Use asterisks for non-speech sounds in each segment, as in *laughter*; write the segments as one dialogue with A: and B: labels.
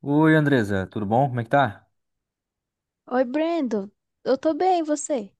A: Oi, Andresa, tudo bom? Como é que tá?
B: Oi, Brandon. Eu tô bem, e você?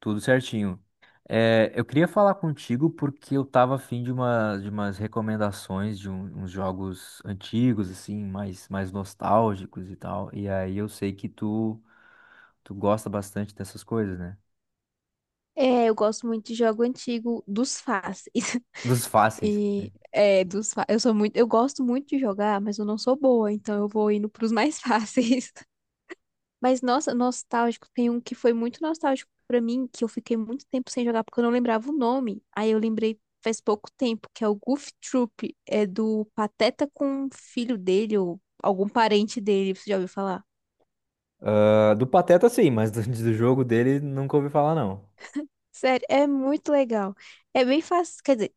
A: Tudo certinho. É, eu queria falar contigo porque eu tava afim de uma, de umas recomendações de uns jogos antigos, assim, mais nostálgicos e tal. E aí eu sei que tu gosta bastante dessas coisas, né?
B: É, eu gosto muito de jogo antigo dos fáceis.
A: Dos
B: *laughs*
A: fáceis, né?
B: E é, eu sou muito, eu gosto muito de jogar, mas eu não sou boa, então eu vou indo pros mais *laughs* fáceis. Mas nossa, nostálgico, tem um que foi muito nostálgico pra mim, que eu fiquei muito tempo sem jogar porque eu não lembrava o nome. Aí eu lembrei faz pouco tempo, que é o Goof Troop, é do Pateta com o filho dele ou algum parente dele, você já ouviu falar?
A: Ah, do Pateta, sim, mas do, *laughs* do jogo dele nunca ouvi falar, não.
B: Sério, é muito legal. É bem fácil, quer dizer,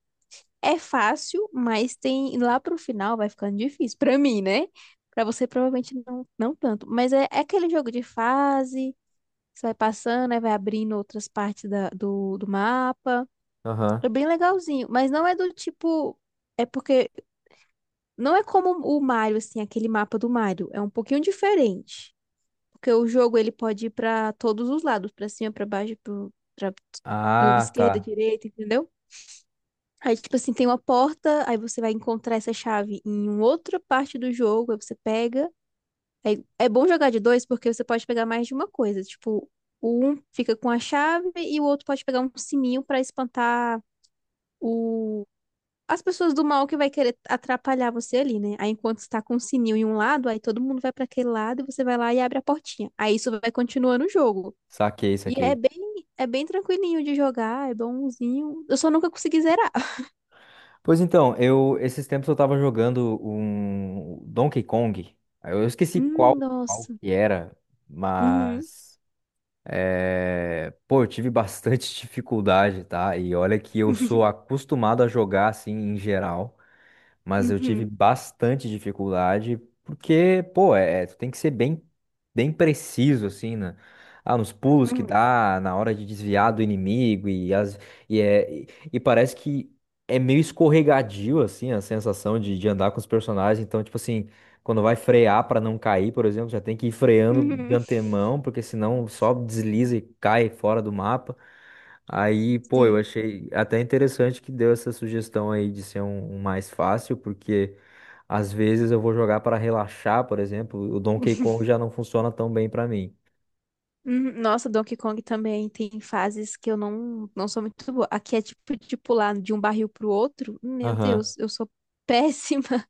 B: é fácil, mas tem lá pro final vai ficando difícil. Pra mim, né? Pra você provavelmente não, não tanto. Mas é, é aquele jogo de fase, você vai passando, aí vai abrindo outras partes do mapa. É
A: Aham.
B: bem legalzinho, mas não é do tipo. É porque não é como o Mario, assim, aquele mapa do Mario. É um pouquinho diferente. Porque o jogo ele pode ir pra todos os lados, pra cima, pra baixo, pra
A: Ah,
B: esquerda,
A: tá.
B: direita, entendeu? Aí, tipo assim, tem uma porta, aí você vai encontrar essa chave em outra parte do jogo, aí você pega. Aí, é bom jogar de dois porque você pode pegar mais de uma coisa. Tipo, o um fica com a chave e o outro pode pegar um sininho pra espantar o... as pessoas do mal que vai querer atrapalhar você ali, né? Aí, enquanto você tá com o sininho em um lado, aí todo mundo vai pra aquele lado e você vai lá e abre a portinha. Aí isso vai continuando o jogo.
A: Saquei,
B: E
A: saquei.
B: é bem tranquilinho de jogar, é bonzinho. Eu só nunca consegui zerar. *laughs*
A: Pois então, eu esses tempos eu tava jogando um Donkey Kong. Aí, eu esqueci qual, qual
B: Nossa.
A: que era,
B: Uhum.
A: mas é, pô, eu tive bastante *laughs* dificuldade, tá? E olha que eu sou
B: *laughs*
A: acostumado a jogar assim em geral. Mas eu tive
B: Uhum,
A: bastante dificuldade, porque, pô, tu tem que ser bem preciso, assim, né? Ah, nos pulos que
B: uhum,
A: dá, na hora de desviar do inimigo, e, as, e, é, e parece que é meio escorregadio, assim, a sensação de andar com os personagens. Então, tipo assim, quando vai frear para não cair, por exemplo, já tem que ir freando de
B: uhum.
A: antemão, porque senão só desliza e cai fora do mapa. Aí, pô, eu
B: Sim.
A: achei até interessante que deu essa sugestão aí de ser um mais fácil, porque às vezes eu vou jogar para relaxar, por exemplo, o Donkey Kong já não funciona tão bem para mim.
B: Uhum. Nossa, Donkey Kong também tem fases que eu não, não sou muito boa. Aqui é tipo de pular de um barril pro outro. Meu
A: Aham.
B: Deus, eu sou péssima. *laughs*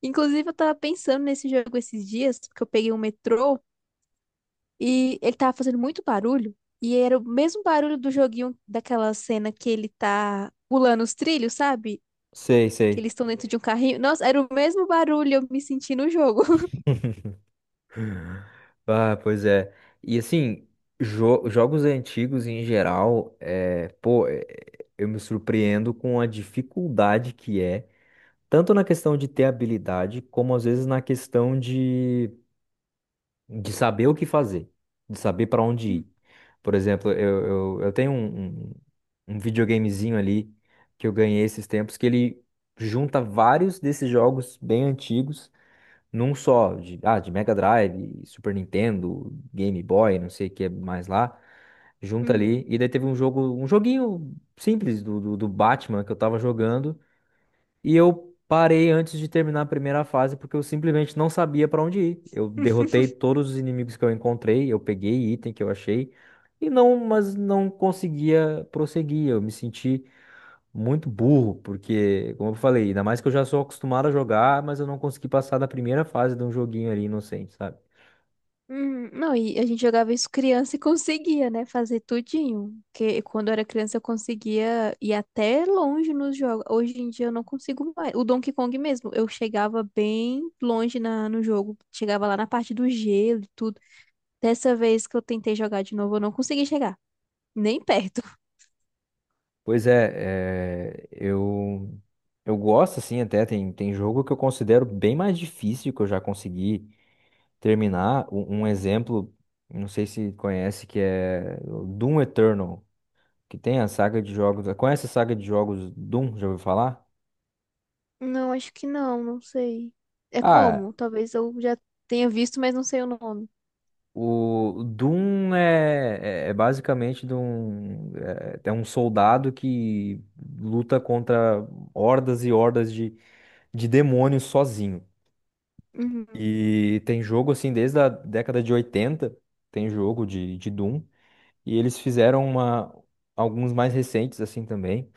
B: Inclusive, eu tava pensando nesse jogo esses dias, porque eu peguei um metrô e ele tava fazendo muito barulho. E era o mesmo barulho do joguinho daquela cena que ele tá pulando os trilhos, sabe?
A: Sei,
B: Que
A: sei.
B: eles estão dentro de um carrinho. Nossa, era o mesmo barulho, eu me senti no jogo.
A: *laughs* Ah, pois é. E assim, jogos antigos em geral, eu me surpreendo com a dificuldade que é, tanto na questão de ter habilidade, como às vezes na questão de saber o que fazer, de saber para onde ir. Por exemplo, eu tenho um videogamezinho ali que eu ganhei esses tempos que ele junta vários desses jogos bem antigos num só, de Mega Drive, Super Nintendo, Game Boy, não sei o que mais lá. Junta
B: Uhum.
A: ali, e daí teve um jogo, um joguinho simples do Batman que eu tava jogando, e eu parei antes de terminar a primeira fase porque eu simplesmente não sabia pra onde ir. Eu derrotei todos os inimigos que eu encontrei, eu peguei item que eu achei mas não conseguia prosseguir. Eu me senti muito burro porque, como eu falei, ainda mais que eu já sou acostumado a jogar, mas eu não consegui passar da primeira fase de um joguinho ali inocente, sabe?
B: Não, e a gente jogava isso criança e conseguia, né, fazer tudinho. Porque quando eu era criança eu conseguia ir até longe nos jogos. Hoje em dia eu não consigo mais. O Donkey Kong mesmo, eu chegava bem longe no jogo. Chegava lá na parte do gelo e tudo. Dessa vez que eu tentei jogar de novo, eu não consegui chegar. Nem perto.
A: Pois é, eu gosto assim, até tem jogo que eu considero bem mais difícil que eu já consegui terminar, um exemplo, não sei se conhece, que é o Doom Eternal, que tem a saga de jogos. Conhece a saga de jogos Doom? Já ouviu falar?
B: Não, acho que não, não sei. É
A: Ah,
B: como? Talvez eu já tenha visto, mas não sei o nome.
A: o Doom é basicamente de um soldado que luta contra hordas e hordas de demônios sozinho.
B: Uhum.
A: E tem jogo assim desde a década de 80, tem jogo de Doom. E eles fizeram alguns mais recentes assim também.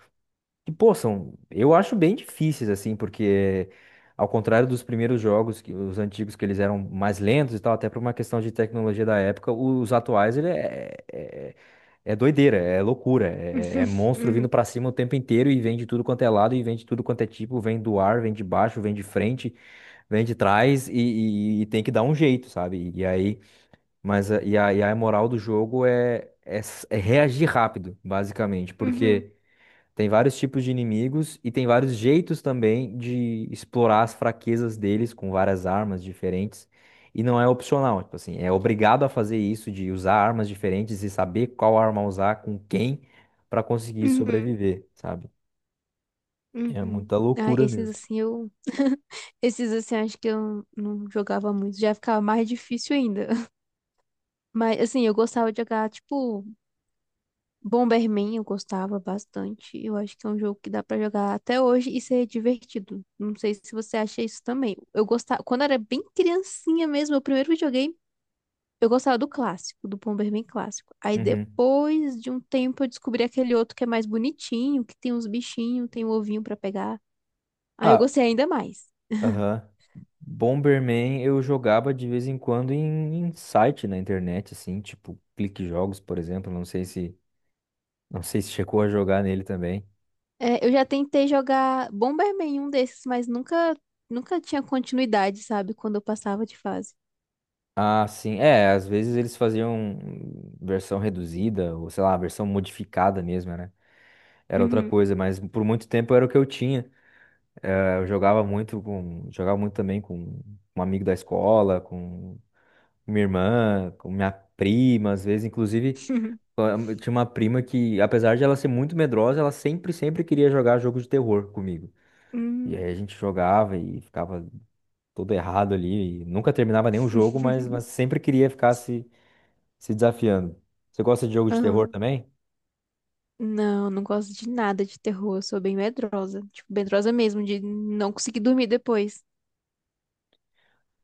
A: Que, pô, são, eu acho bem difíceis, assim, porque ao contrário dos primeiros jogos, que, os antigos, que eles eram mais lentos e tal, até por uma questão de tecnologia da época, os atuais, ele é é doideira, é loucura, é
B: *laughs*
A: monstro vindo
B: Uhum.
A: pra cima o tempo inteiro, e vem de tudo quanto é lado, e vem de tudo quanto é tipo, vem do ar, vem de baixo, vem de frente, vem de trás, e tem que dar um jeito, sabe? E aí, a moral do jogo é reagir rápido, basicamente.
B: Uhum.
A: Porque. Tem vários tipos de inimigos e tem vários jeitos também de explorar as fraquezas deles com várias armas diferentes. E não é opcional, tipo assim, é obrigado a fazer isso de usar armas diferentes e saber qual arma usar com quem para conseguir
B: Uhum.
A: sobreviver, sabe? É
B: Uhum.
A: muita
B: Ah,
A: loucura
B: esses
A: mesmo.
B: assim eu. *laughs* Esses assim acho que eu não jogava muito. Já ficava mais difícil ainda. *laughs* Mas assim, eu gostava de jogar, tipo, Bomberman, eu gostava bastante. Eu acho que é um jogo que dá pra jogar até hoje e ser divertido. Não sei se você acha isso também. Eu gostava. Quando eu era bem criancinha mesmo, meu primeiro videogame, eu gostava do clássico, do Bomberman clássico. Aí
A: Uhum.
B: depois de um tempo eu descobri aquele outro que é mais bonitinho, que tem uns bichinhos, tem um ovinho pra pegar. Aí eu
A: Ah,
B: gostei ainda mais.
A: aham. Bomberman eu jogava de vez em quando em site na internet, assim, tipo Clique Jogos, por exemplo. Não sei se chegou a jogar nele também.
B: É, eu já tentei jogar Bomberman, um desses, mas nunca, nunca tinha continuidade, sabe? Quando eu passava de fase.
A: Ah, sim. É, às vezes eles faziam versão reduzida, ou sei lá, versão modificada mesmo, né? Era outra
B: Uhum.
A: coisa, mas por muito tempo era o que eu tinha. Eu jogava muito também com um amigo da escola, com minha irmã, com minha prima, às vezes, inclusive,
B: *laughs*
A: eu tinha uma prima que, apesar de ela ser muito medrosa, ela sempre queria jogar jogo de terror comigo. E aí
B: Hum.
A: a gente jogava e ficava todo errado ali, e nunca terminava nenhum jogo, mas
B: *laughs*
A: sempre queria ficar se desafiando. Você gosta de jogo de terror
B: Aham.
A: também?
B: Não, não gosto de nada de terror. Eu sou bem medrosa. Tipo, medrosa mesmo, de não conseguir dormir depois.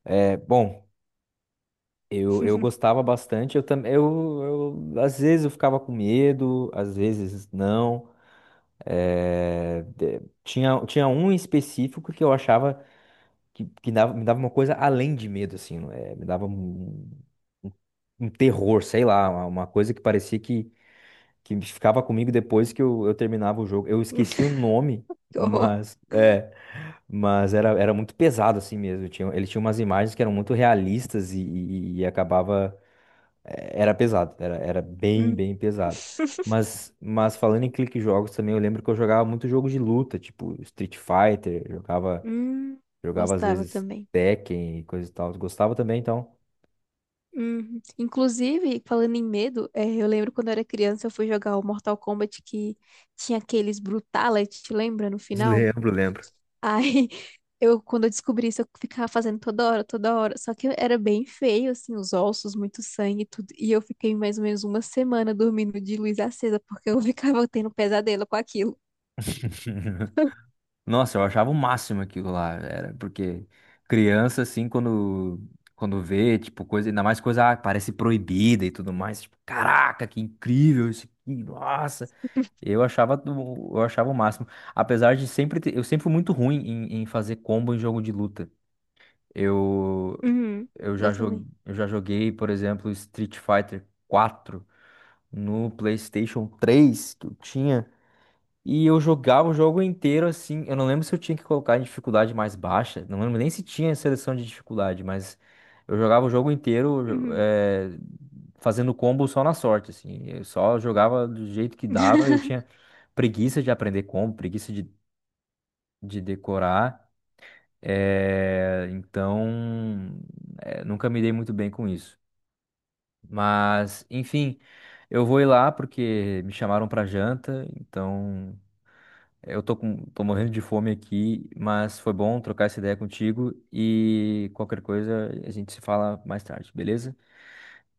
A: É, bom, eu gostava bastante. Eu também, às vezes eu ficava com medo, às vezes não. É, tinha um em específico que eu achava que me dava uma coisa além de medo, assim, é, me dava um- um terror, sei lá, uma coisa que parecia que ficava comigo depois que eu terminava o jogo. Eu esqueci o nome,
B: *laughs* Que horror.
A: mas é. Mas era muito pesado assim mesmo. Ele tinha umas imagens que eram muito realistas, e acabava. Era pesado, era bem,
B: Hum.
A: bem pesado. Mas falando em Clique Jogos também, eu lembro que eu jogava muito jogo de luta, tipo Street Fighter, jogava,
B: Hum.
A: jogava às
B: Gostava
A: vezes
B: também.
A: Tekken e coisa e tal. Gostava também, então.
B: Hum. Inclusive, falando em medo, é, eu lembro quando eu era criança, eu fui jogar o Mortal Kombat que tinha aqueles Brutality, lembra, no
A: *laughs*
B: final?
A: Lembro, lembro.
B: Aí, *laughs* eu, quando eu descobri isso, eu ficava fazendo toda hora, toda hora. Só que era bem feio, assim, os ossos, muito sangue e tudo. E eu fiquei mais ou menos uma semana dormindo de luz acesa, porque eu *laughs* ficava tendo pesadelo com aquilo.
A: *laughs* Nossa, eu achava o máximo aquilo lá, era porque criança assim, quando vê, tipo, coisa, ainda mais coisa que parece proibida e tudo mais, tipo, caraca, que incrível isso aqui, nossa. Eu achava o máximo, apesar de sempre ter, eu sempre fui muito ruim em fazer combo em jogo de luta. Eu
B: Uhum,
A: eu
B: eu
A: já joguei,
B: também.
A: eu já joguei, por exemplo, Street Fighter 4 no PlayStation 3 que eu tinha. E eu jogava o jogo inteiro assim. Eu não lembro se eu tinha que colocar em dificuldade mais baixa. Não lembro nem se tinha seleção de dificuldade, mas eu jogava o jogo inteiro,
B: Uhum.
A: fazendo combo só na sorte, assim. Eu só jogava do jeito que dava. Eu
B: *laughs*
A: tinha preguiça de aprender combo, preguiça de decorar. Então, nunca me dei muito bem com isso. Mas, enfim, eu vou ir lá porque me chamaram pra janta. Então, eu tô morrendo de fome aqui, mas foi bom trocar essa ideia contigo e qualquer coisa a gente se fala mais tarde, beleza?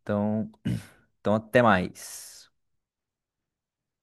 A: Então, então, até mais.